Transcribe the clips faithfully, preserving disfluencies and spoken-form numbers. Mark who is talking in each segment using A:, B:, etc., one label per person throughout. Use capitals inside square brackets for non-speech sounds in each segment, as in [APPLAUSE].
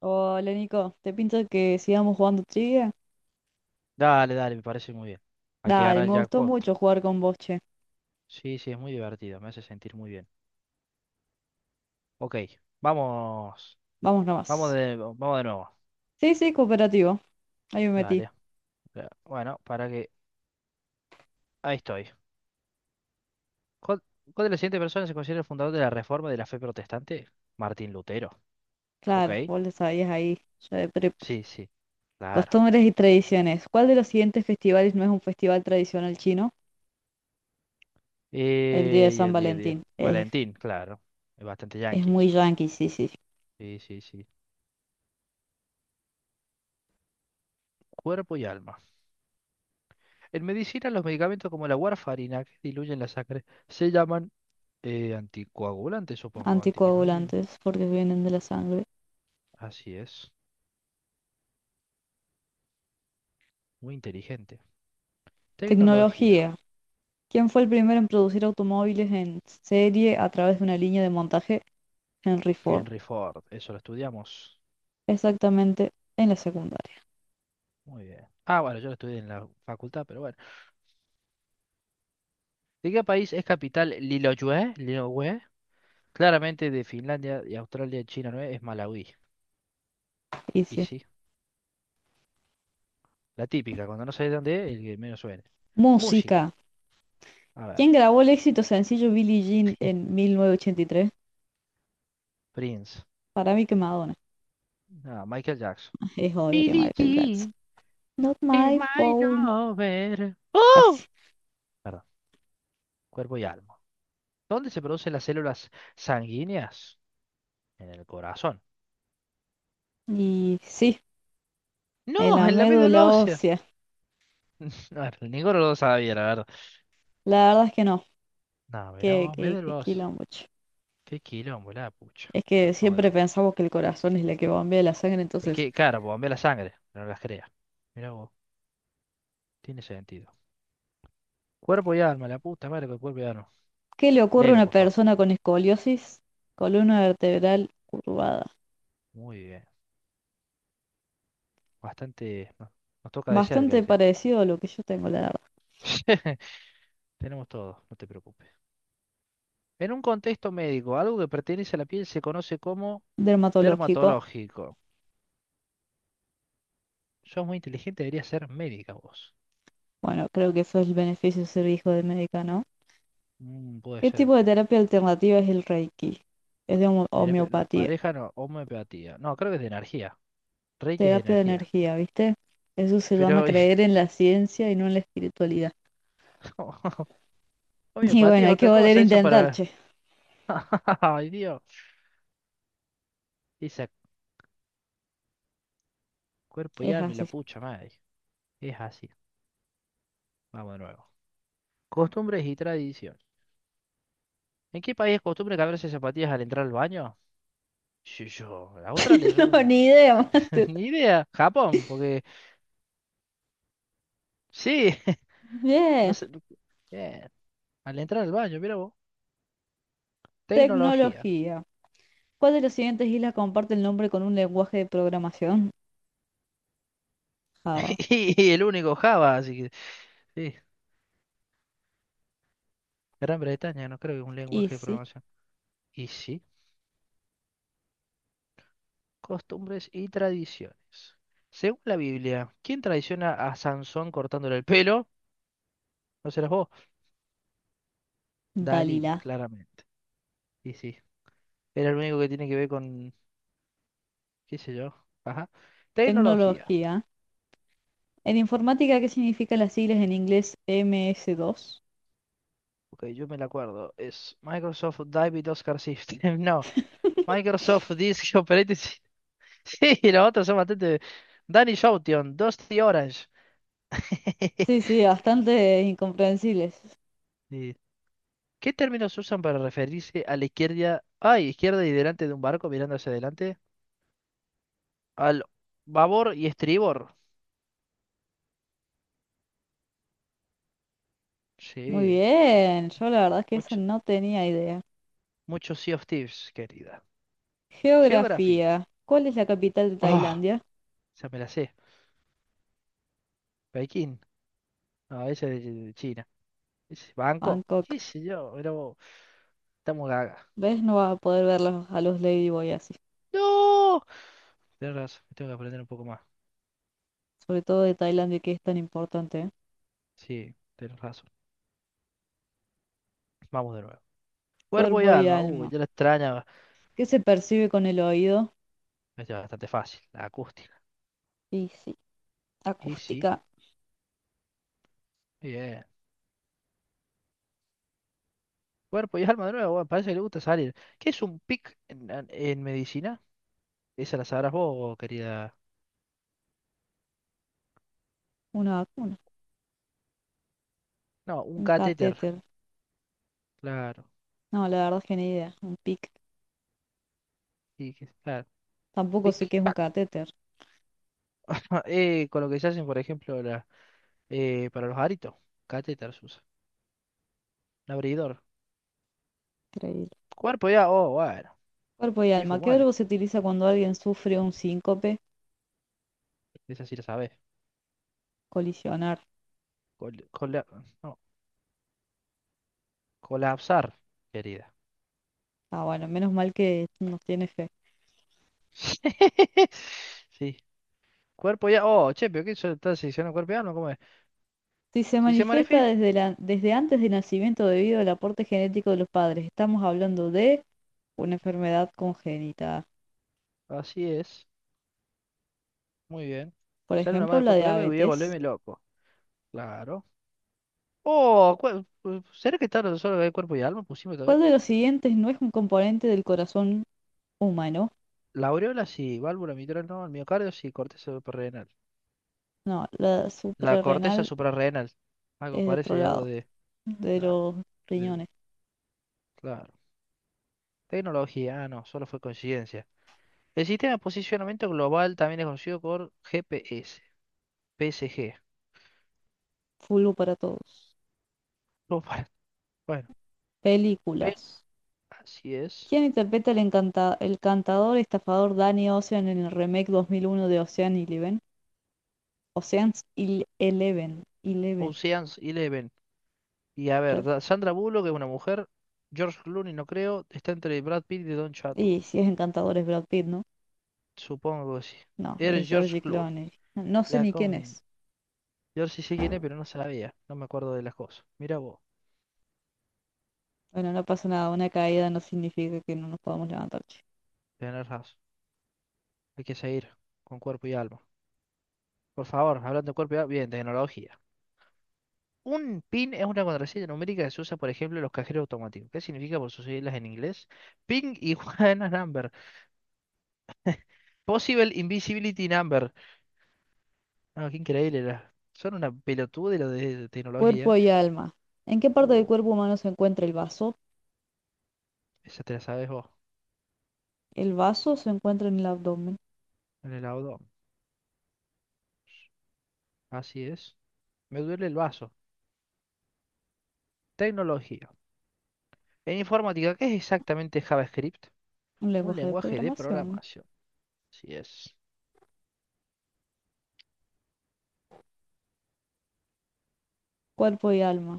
A: Hola Nico, ¿te pinta que sigamos jugando trivia?
B: Dale, dale, me parece muy bien. Hay que
A: Dale,
B: ganar el
A: me gustó
B: jackpot.
A: mucho jugar con vos, che.
B: Sí, sí, es muy divertido, me hace sentir muy bien. Ok, vamos.
A: Vamos
B: Vamos
A: nomás.
B: de, vamos de nuevo.
A: Sí, sí, cooperativo. Ahí me metí.
B: Dale. Eh, Bueno, para que... Ahí estoy. ¿Cuál, cuál de las siguientes personas se considera el fundador de la Reforma de la Fe Protestante? Martín Lutero. Ok.
A: Claro, vos lo sabías ahí. Yo de prepa.
B: Sí, sí. Claro.
A: Costumbres y tradiciones. ¿Cuál de los siguientes festivales no es un festival tradicional chino? El día de
B: Eh, y
A: San
B: el día a día.
A: Valentín. Es,
B: Valentín, claro. Es bastante
A: es
B: yanqui
A: muy
B: eso.
A: yankee, sí, sí.
B: Sí, sí, sí. Cuerpo y alma. En medicina, los medicamentos como la warfarina, que diluyen la sangre, se llaman. Eh, anticoagulante, supongo, antihistamínico.
A: Anticoagulantes, porque vienen de la sangre.
B: Así es, muy inteligente. Tecnología.
A: Tecnología. ¿Quién fue el primero en producir automóviles en serie a través de una línea de montaje? Henry Ford.
B: Henry Ford, eso lo estudiamos.
A: Exactamente en la secundaria.
B: Muy bien. Ah, bueno, yo lo estudié en la facultad, pero bueno. ¿De qué país es capital Lilongwe? Lilongwe. Claramente de Finlandia y Australia, China no es, es Malawi. Y
A: Dice,
B: sí, la típica, cuando no sabes dónde es, el que menos suene.
A: música.
B: Música, a ver.
A: ¿Quién grabó el éxito sencillo Billie Jean en
B: [LAUGHS]
A: mil novecientos ochenta y tres?
B: Prince.
A: Para mí que Madonna.
B: Ah, Michael Jackson.
A: [LAUGHS] Es obvio que
B: Billie
A: Michael Jackson.
B: Jean
A: Not
B: is
A: my
B: my
A: phone.
B: lover. ¡Oh!
A: Casi.
B: Perdón, cuerpo y alma. ¿Dónde se producen las células sanguíneas? En el corazón.
A: Y sí, en
B: No,
A: la
B: en la médula
A: médula
B: ósea.
A: ósea.
B: [LAUGHS] No, ninguno lo sabía, la verdad.
A: La verdad es que no.
B: No, mirá
A: Que,
B: vos,
A: que, que
B: médula ósea.
A: quilombo, che.
B: Qué quilombo, la pucha.
A: Es que
B: Bueno, vamos de
A: siempre
B: nuevo.
A: pensamos que el corazón es la que bombea la sangre,
B: Es
A: entonces,
B: que, claro, pues, bombea la sangre, no las crea. Mirá vos, tiene sentido. Cuerpo y alma, la puta madre con cuerpo y alma.
A: ¿qué le ocurre a
B: Léelo,
A: una
B: por favor.
A: persona con escoliosis? Columna vertebral curvada.
B: Muy bien. Bastante. no- Nos toca de cerca
A: Bastante
B: ese.
A: parecido a lo que yo tengo, la verdad.
B: [LAUGHS] Tenemos todo, no te preocupes. En un contexto médico, algo que pertenece a la piel se conoce como
A: Dermatológico.
B: dermatológico. Sos muy inteligente, deberías ser médica vos.
A: Bueno, creo que eso es el beneficio de ser hijo de médica, ¿no?
B: Mm, puede
A: ¿Qué
B: ser.
A: tipo de terapia alternativa es el Reiki? Es de homo-
B: Terapia- no,
A: homeopatía,
B: pareja no, homeopatía. No, creo que es de energía. Reiki es de
A: terapia de
B: energía.
A: energía, ¿viste? Eso se llama
B: Pero y-
A: creer en la ciencia y no en la espiritualidad.
B: [LAUGHS]
A: [LAUGHS] Y
B: homeopatía
A: bueno,
B: es
A: hay que
B: otra
A: volver a
B: cosa, eso
A: intentar,
B: para...
A: che.
B: [LAUGHS] Ay, Dios. Esa cuerpo y
A: Es
B: alma y
A: así.
B: la pucha madre. Es así. Vamos de nuevo. Costumbres y tradición. ¿En qué país es costumbre cambiarse zapatillas al entrar al baño? Sí, yo, a Australia,
A: [LAUGHS] No,
B: supongo.
A: ni idea, [LAUGHS]
B: [LAUGHS]
A: mate.
B: Ni idea. Japón, porque... Sí. [LAUGHS] No
A: Bien,
B: sé. Bien. Al entrar al baño, mira vos. Tecnología.
A: tecnología. ¿Cuál de las siguientes islas comparte el nombre con un lenguaje de programación? Java.
B: [LAUGHS] Y el único Java, así que sí, Gran Bretaña no creo que es un lenguaje de
A: Easy.
B: programación. Y sí, costumbres y tradiciones. Según la Biblia, ¿quién traiciona a Sansón cortándole el pelo? No serás vos,
A: Dalila.
B: Dalila, claramente. Y sí, era el único que tiene que ver con, qué sé yo, ajá. Tecnología.
A: Tecnología. En informática, ¿qué significan las siglas en inglés M S dos?
B: Ok, yo me la acuerdo. Es Microsoft David Oscar System. [LAUGHS] No, Microsoft Disk Operating System. [LAUGHS] Sí, los otros son bastante... Danny Shoution, Dusty Orange. [LAUGHS]
A: Sí, sí, bastante incomprensibles.
B: Sí. ¿Qué términos usan para referirse a la izquierda, ay, izquierda y delante de un barco mirando hacia adelante? Al babor y estribor.
A: Muy
B: Sí,
A: bien, yo la verdad es que eso
B: mucho,
A: no tenía idea.
B: mucho Sea of Thieves, querida. Geography.
A: Geografía. ¿Cuál es la capital de
B: Oh,
A: Tailandia?
B: esa me la sé. Pekín. No, esa es de de China. Ese es Bangkok.
A: Bangkok.
B: ¿Qué sé yo? Pero estamos gaga.
A: ¿Ves? No vas a poder verlos a los Ladyboy así.
B: ¡No! Tienes razón, tengo que aprender un poco más.
A: Sobre todo de Tailandia, que es tan importante, ¿eh?
B: Sí, tienes razón. Vamos de nuevo. Cuerpo y
A: Cuerpo y
B: alma. Uh,
A: alma.
B: ya la extraña.
A: ¿Qué se percibe con el oído?
B: Esta es bastante fácil. La acústica.
A: Y sí,
B: Y sí,
A: acústica.
B: bien. Cuerpo y alma de nuevo, bueno, parece que le gusta salir. ¿Qué es un P I C en, en- en medicina? Esa la sabrás vos, querida.
A: Una vacuna.
B: No, un
A: Un
B: catéter,
A: catéter.
B: claro.
A: No, la verdad es que ni idea. Un P I C.
B: Y que- claro.
A: Tampoco sé
B: P I C,
A: qué es un
B: pac.
A: catéter.
B: [LAUGHS] Eh, con lo que se hacen, por ejemplo, la, eh, para los aritos. Catéter se usa. Un abridor.
A: Increíble.
B: Cuerpo ya, oh, bueno.
A: Cuerpo y alma. ¿Qué
B: Infumable.
A: verbo se utiliza cuando alguien sufre un síncope?
B: Esa sí la sabés.
A: Colisionar.
B: Col- cola- no, colapsar, querida.
A: Ah, bueno, menos mal que nos tiene fe.
B: [LAUGHS] Sí. Cuerpo ya, oh, che, pero ¿qué eso está seccionando cuerpo y alma? ¿Cómo es?
A: Si se
B: Si se
A: manifiesta
B: manifiesta,
A: desde, la, desde antes del nacimiento debido al aporte genético de los padres, estamos hablando de una enfermedad congénita,
B: así es. Muy bien.
A: por
B: Sale una más
A: ejemplo
B: de
A: la
B: cuerpo y alma y voy a
A: diabetes.
B: volverme loco. Claro. Oh, cu- ¿será que está solo de cuerpo y alma? Pusimos todavía.
A: ¿Cuál de los siguientes no es un componente del corazón humano?
B: La aureola sí, válvula mitral no, el miocardio sí, corteza suprarrenal.
A: No, la
B: La corteza
A: suprarrenal
B: suprarrenal. Algo
A: es de otro
B: parece algo
A: lado,
B: de.
A: de
B: Claro.
A: los
B: de-
A: riñones.
B: claro. Tecnología, ah, no, solo fue coincidencia. El sistema de posicionamiento global también es conocido por G P S, P S G.
A: Fulvo para todos.
B: Oh, [LAUGHS] bueno, bueno, P-
A: Películas.
B: así es.
A: ¿Quién interpreta el, encanta- el cantador estafador Danny Ocean en el remake dos mil uno de Ocean Eleven? Ocean's Il- Eleven. Eleven.
B: Ocean's Eleven. Y a ver,
A: Yo-
B: da- Sandra Bullock es una mujer. George Clooney no creo. Está entre Brad Pitt y Don Cheadle.
A: Y si es encantador es Brad Pitt, ¿no?
B: Supongo que sí.
A: No,
B: Eres
A: es
B: George
A: George
B: Clooney.
A: Clooney. No no sé
B: La
A: ni quién
B: con...
A: es.
B: George sí sé quién es, pero no sabía. No me acuerdo de las cosas. Mira vos.
A: Bueno, no pasa nada. Una caída no significa que no nos podamos levantar, che.
B: Tenés razón. Hay que seguir con cuerpo y alma. Por favor, hablando de cuerpo y alma. Bien, tecnología. Un PIN es una contraseña numérica que se usa, por ejemplo, en los cajeros automáticos. ¿Qué significa por sus siglas en inglés? Ping y [LAUGHS] Juana Number. Possible Invisibility Number. Ah, qué increíble. la- Son una pelotuda de lo de
A: Cuerpo
B: tecnología.
A: y alma. ¿En qué parte del
B: Uh,
A: cuerpo humano se encuentra el vaso?
B: Esa te la sabes vos,
A: El vaso se encuentra en el abdomen.
B: en el abdomen. Así es. Me duele el vaso. Tecnología. En informática, ¿qué es exactamente JavaScript?
A: Un
B: Un
A: lenguaje de
B: lenguaje de
A: programación.
B: programación. Así es.
A: Cuerpo y alma.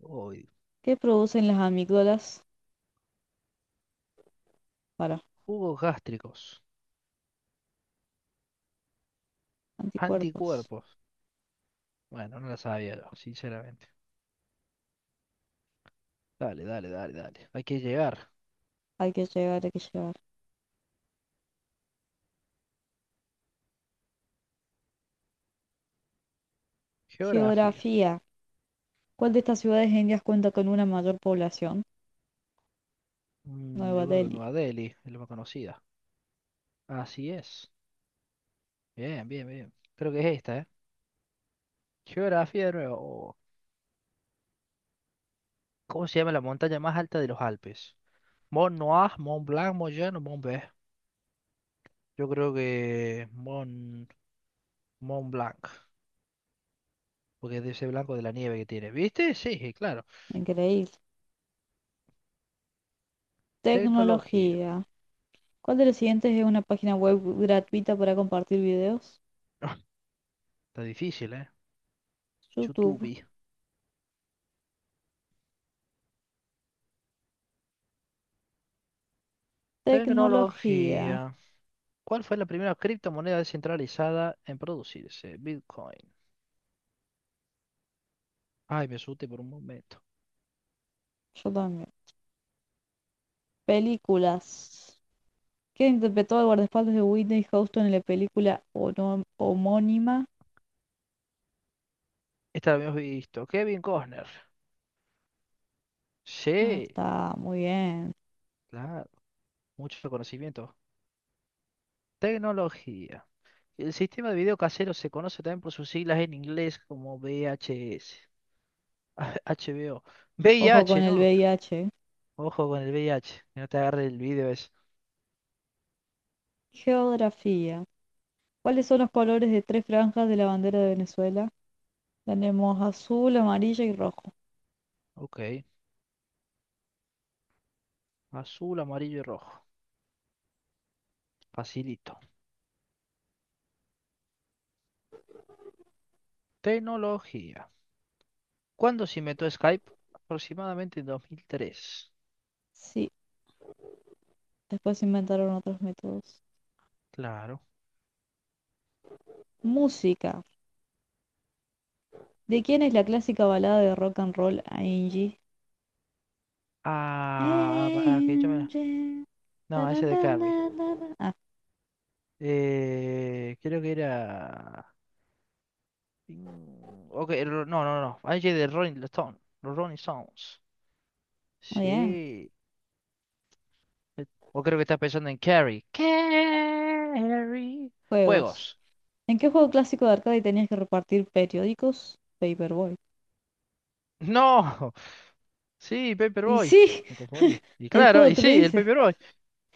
B: Uy.
A: ¿Qué producen las amígdalas? Para,
B: Jugos gástricos.
A: Anticuerpos.
B: Anticuerpos. Bueno, no la sabía yo, sinceramente. Dale, dale, dale, dale. Hay que llegar.
A: Hay que llegar, hay que llegar.
B: Geografía.
A: Geografía. ¿Cuál de estas ciudades indias cuenta con una mayor población?
B: Mm,
A: Nueva
B: yo creo que
A: Delhi.
B: Nueva Delhi es la más conocida. Así es. Bien, bien, bien. Creo que es esta, ¿eh? Geografía de nuevo. Oh, ¿cómo se llama la montaña más alta de los Alpes? Mont Noir, Mont Blanc, Mont Jean o Mont Blanc. Yo creo que Mont, Mont Blanc, porque es de ese blanco de la nieve que tiene. ¿Viste? Sí, claro.
A: Increíble.
B: Tecnología.
A: Tecnología. ¿Cuál de los siguientes es una página web gratuita para compartir videos?
B: [LAUGHS] Está difícil, ¿eh?
A: YouTube.
B: YouTube.
A: Tecnología.
B: Tecnología. ¿Cuál fue la primera criptomoneda descentralizada en producirse? Bitcoin. Ay, me asusté por un momento.
A: Yo también. Películas. ¿Quién interpretó al guardaespaldas de Whitney Houston en la película ono- homónima?
B: Esta la habíamos visto. Kevin Costner.
A: Ah,
B: Sí,
A: está muy bien.
B: claro. Mucho conocimiento. Tecnología. El sistema de video casero se conoce también por sus siglas en inglés como V H S. Ah, H B O. [LAUGHS]
A: Ojo con
B: H,
A: el
B: ¿no?
A: V I H.
B: Ojo con el V I H, que no te agarre el video ese.
A: Geografía. ¿Cuáles son los colores de tres franjas de la bandera de Venezuela? Tenemos azul, amarilla y rojo.
B: Ok. Azul, amarillo y rojo. Facilito. Tecnología. ¿Cuándo se inventó Skype? Aproximadamente en dos mil tres.
A: Sí, después se inventaron otros métodos.
B: Claro.
A: Música. ¿De quién es la clásica balada de rock and roll Angie?
B: Ah, para que yo me...
A: Angie, ta,
B: No,
A: na,
B: ese de
A: na,
B: Carrie.
A: na, na, na. Ah,
B: Eh, creo que era... Mm, Ok, ro- no, no, no. Hay de Rolling Stone. Los Rolling Stones.
A: muy bien.
B: Sí. O creo que estás pensando en Carrie. Carrie. Juegos.
A: Juegos.
B: [LAUGHS]
A: ¿En qué juego clásico de arcade tenías que repartir periódicos? Paperboy.
B: No. Sí,
A: Y
B: Paperboy.
A: sí,
B: Me confundí.
A: [LAUGHS]
B: Y
A: el
B: claro,
A: juego
B: y
A: te lo
B: sí, el
A: dice.
B: Paperboy.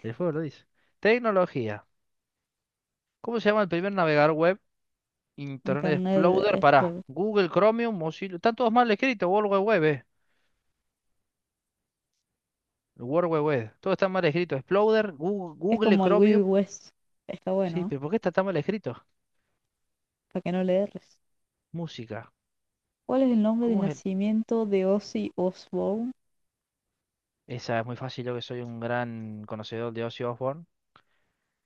B: El juego lo dice. Tecnología. ¿Cómo se llama el primer navegador web? Internet
A: Internet
B: Explorer. Pará.
A: Explorer.
B: Google, Chromium, Mozilla. Están todos mal escritos. World Wide Web, eh. El World Wide Web. Todo está mal escrito. Explorer, Google,
A: Es
B: Google,
A: como el
B: Chromium.
A: Wild West. Está
B: Sí,
A: bueno,
B: pero
A: ¿eh?
B: ¿por qué está tan mal escrito?
A: Para que no le erres.
B: Música.
A: ¿Cuál es el nombre del
B: ¿Cómo es el...?
A: nacimiento de Ozzy Osbourne?
B: Esa es muy fácil, yo que soy un gran conocedor de Ozzy Osbourne.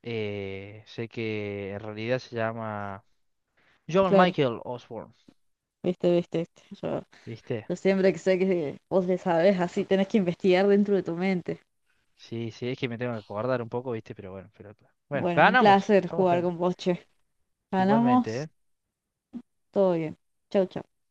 B: Eh, sé que en realidad se llama John
A: Claro,
B: Michael Osborne,
A: viste, viste, viste. Yo,
B: ¿viste?
A: yo siempre que sé que vos le sabés, así tenés que investigar dentro de tu mente.
B: Sí, sí, es que me tengo que acordar un poco, ¿viste? Pero bueno, pero, bueno,
A: Bueno, un
B: ganamos,
A: placer
B: somos
A: jugar
B: gente.
A: con vos, che.
B: Igualmente, ¿eh?
A: Ganamos, todo bien. Chau, chau.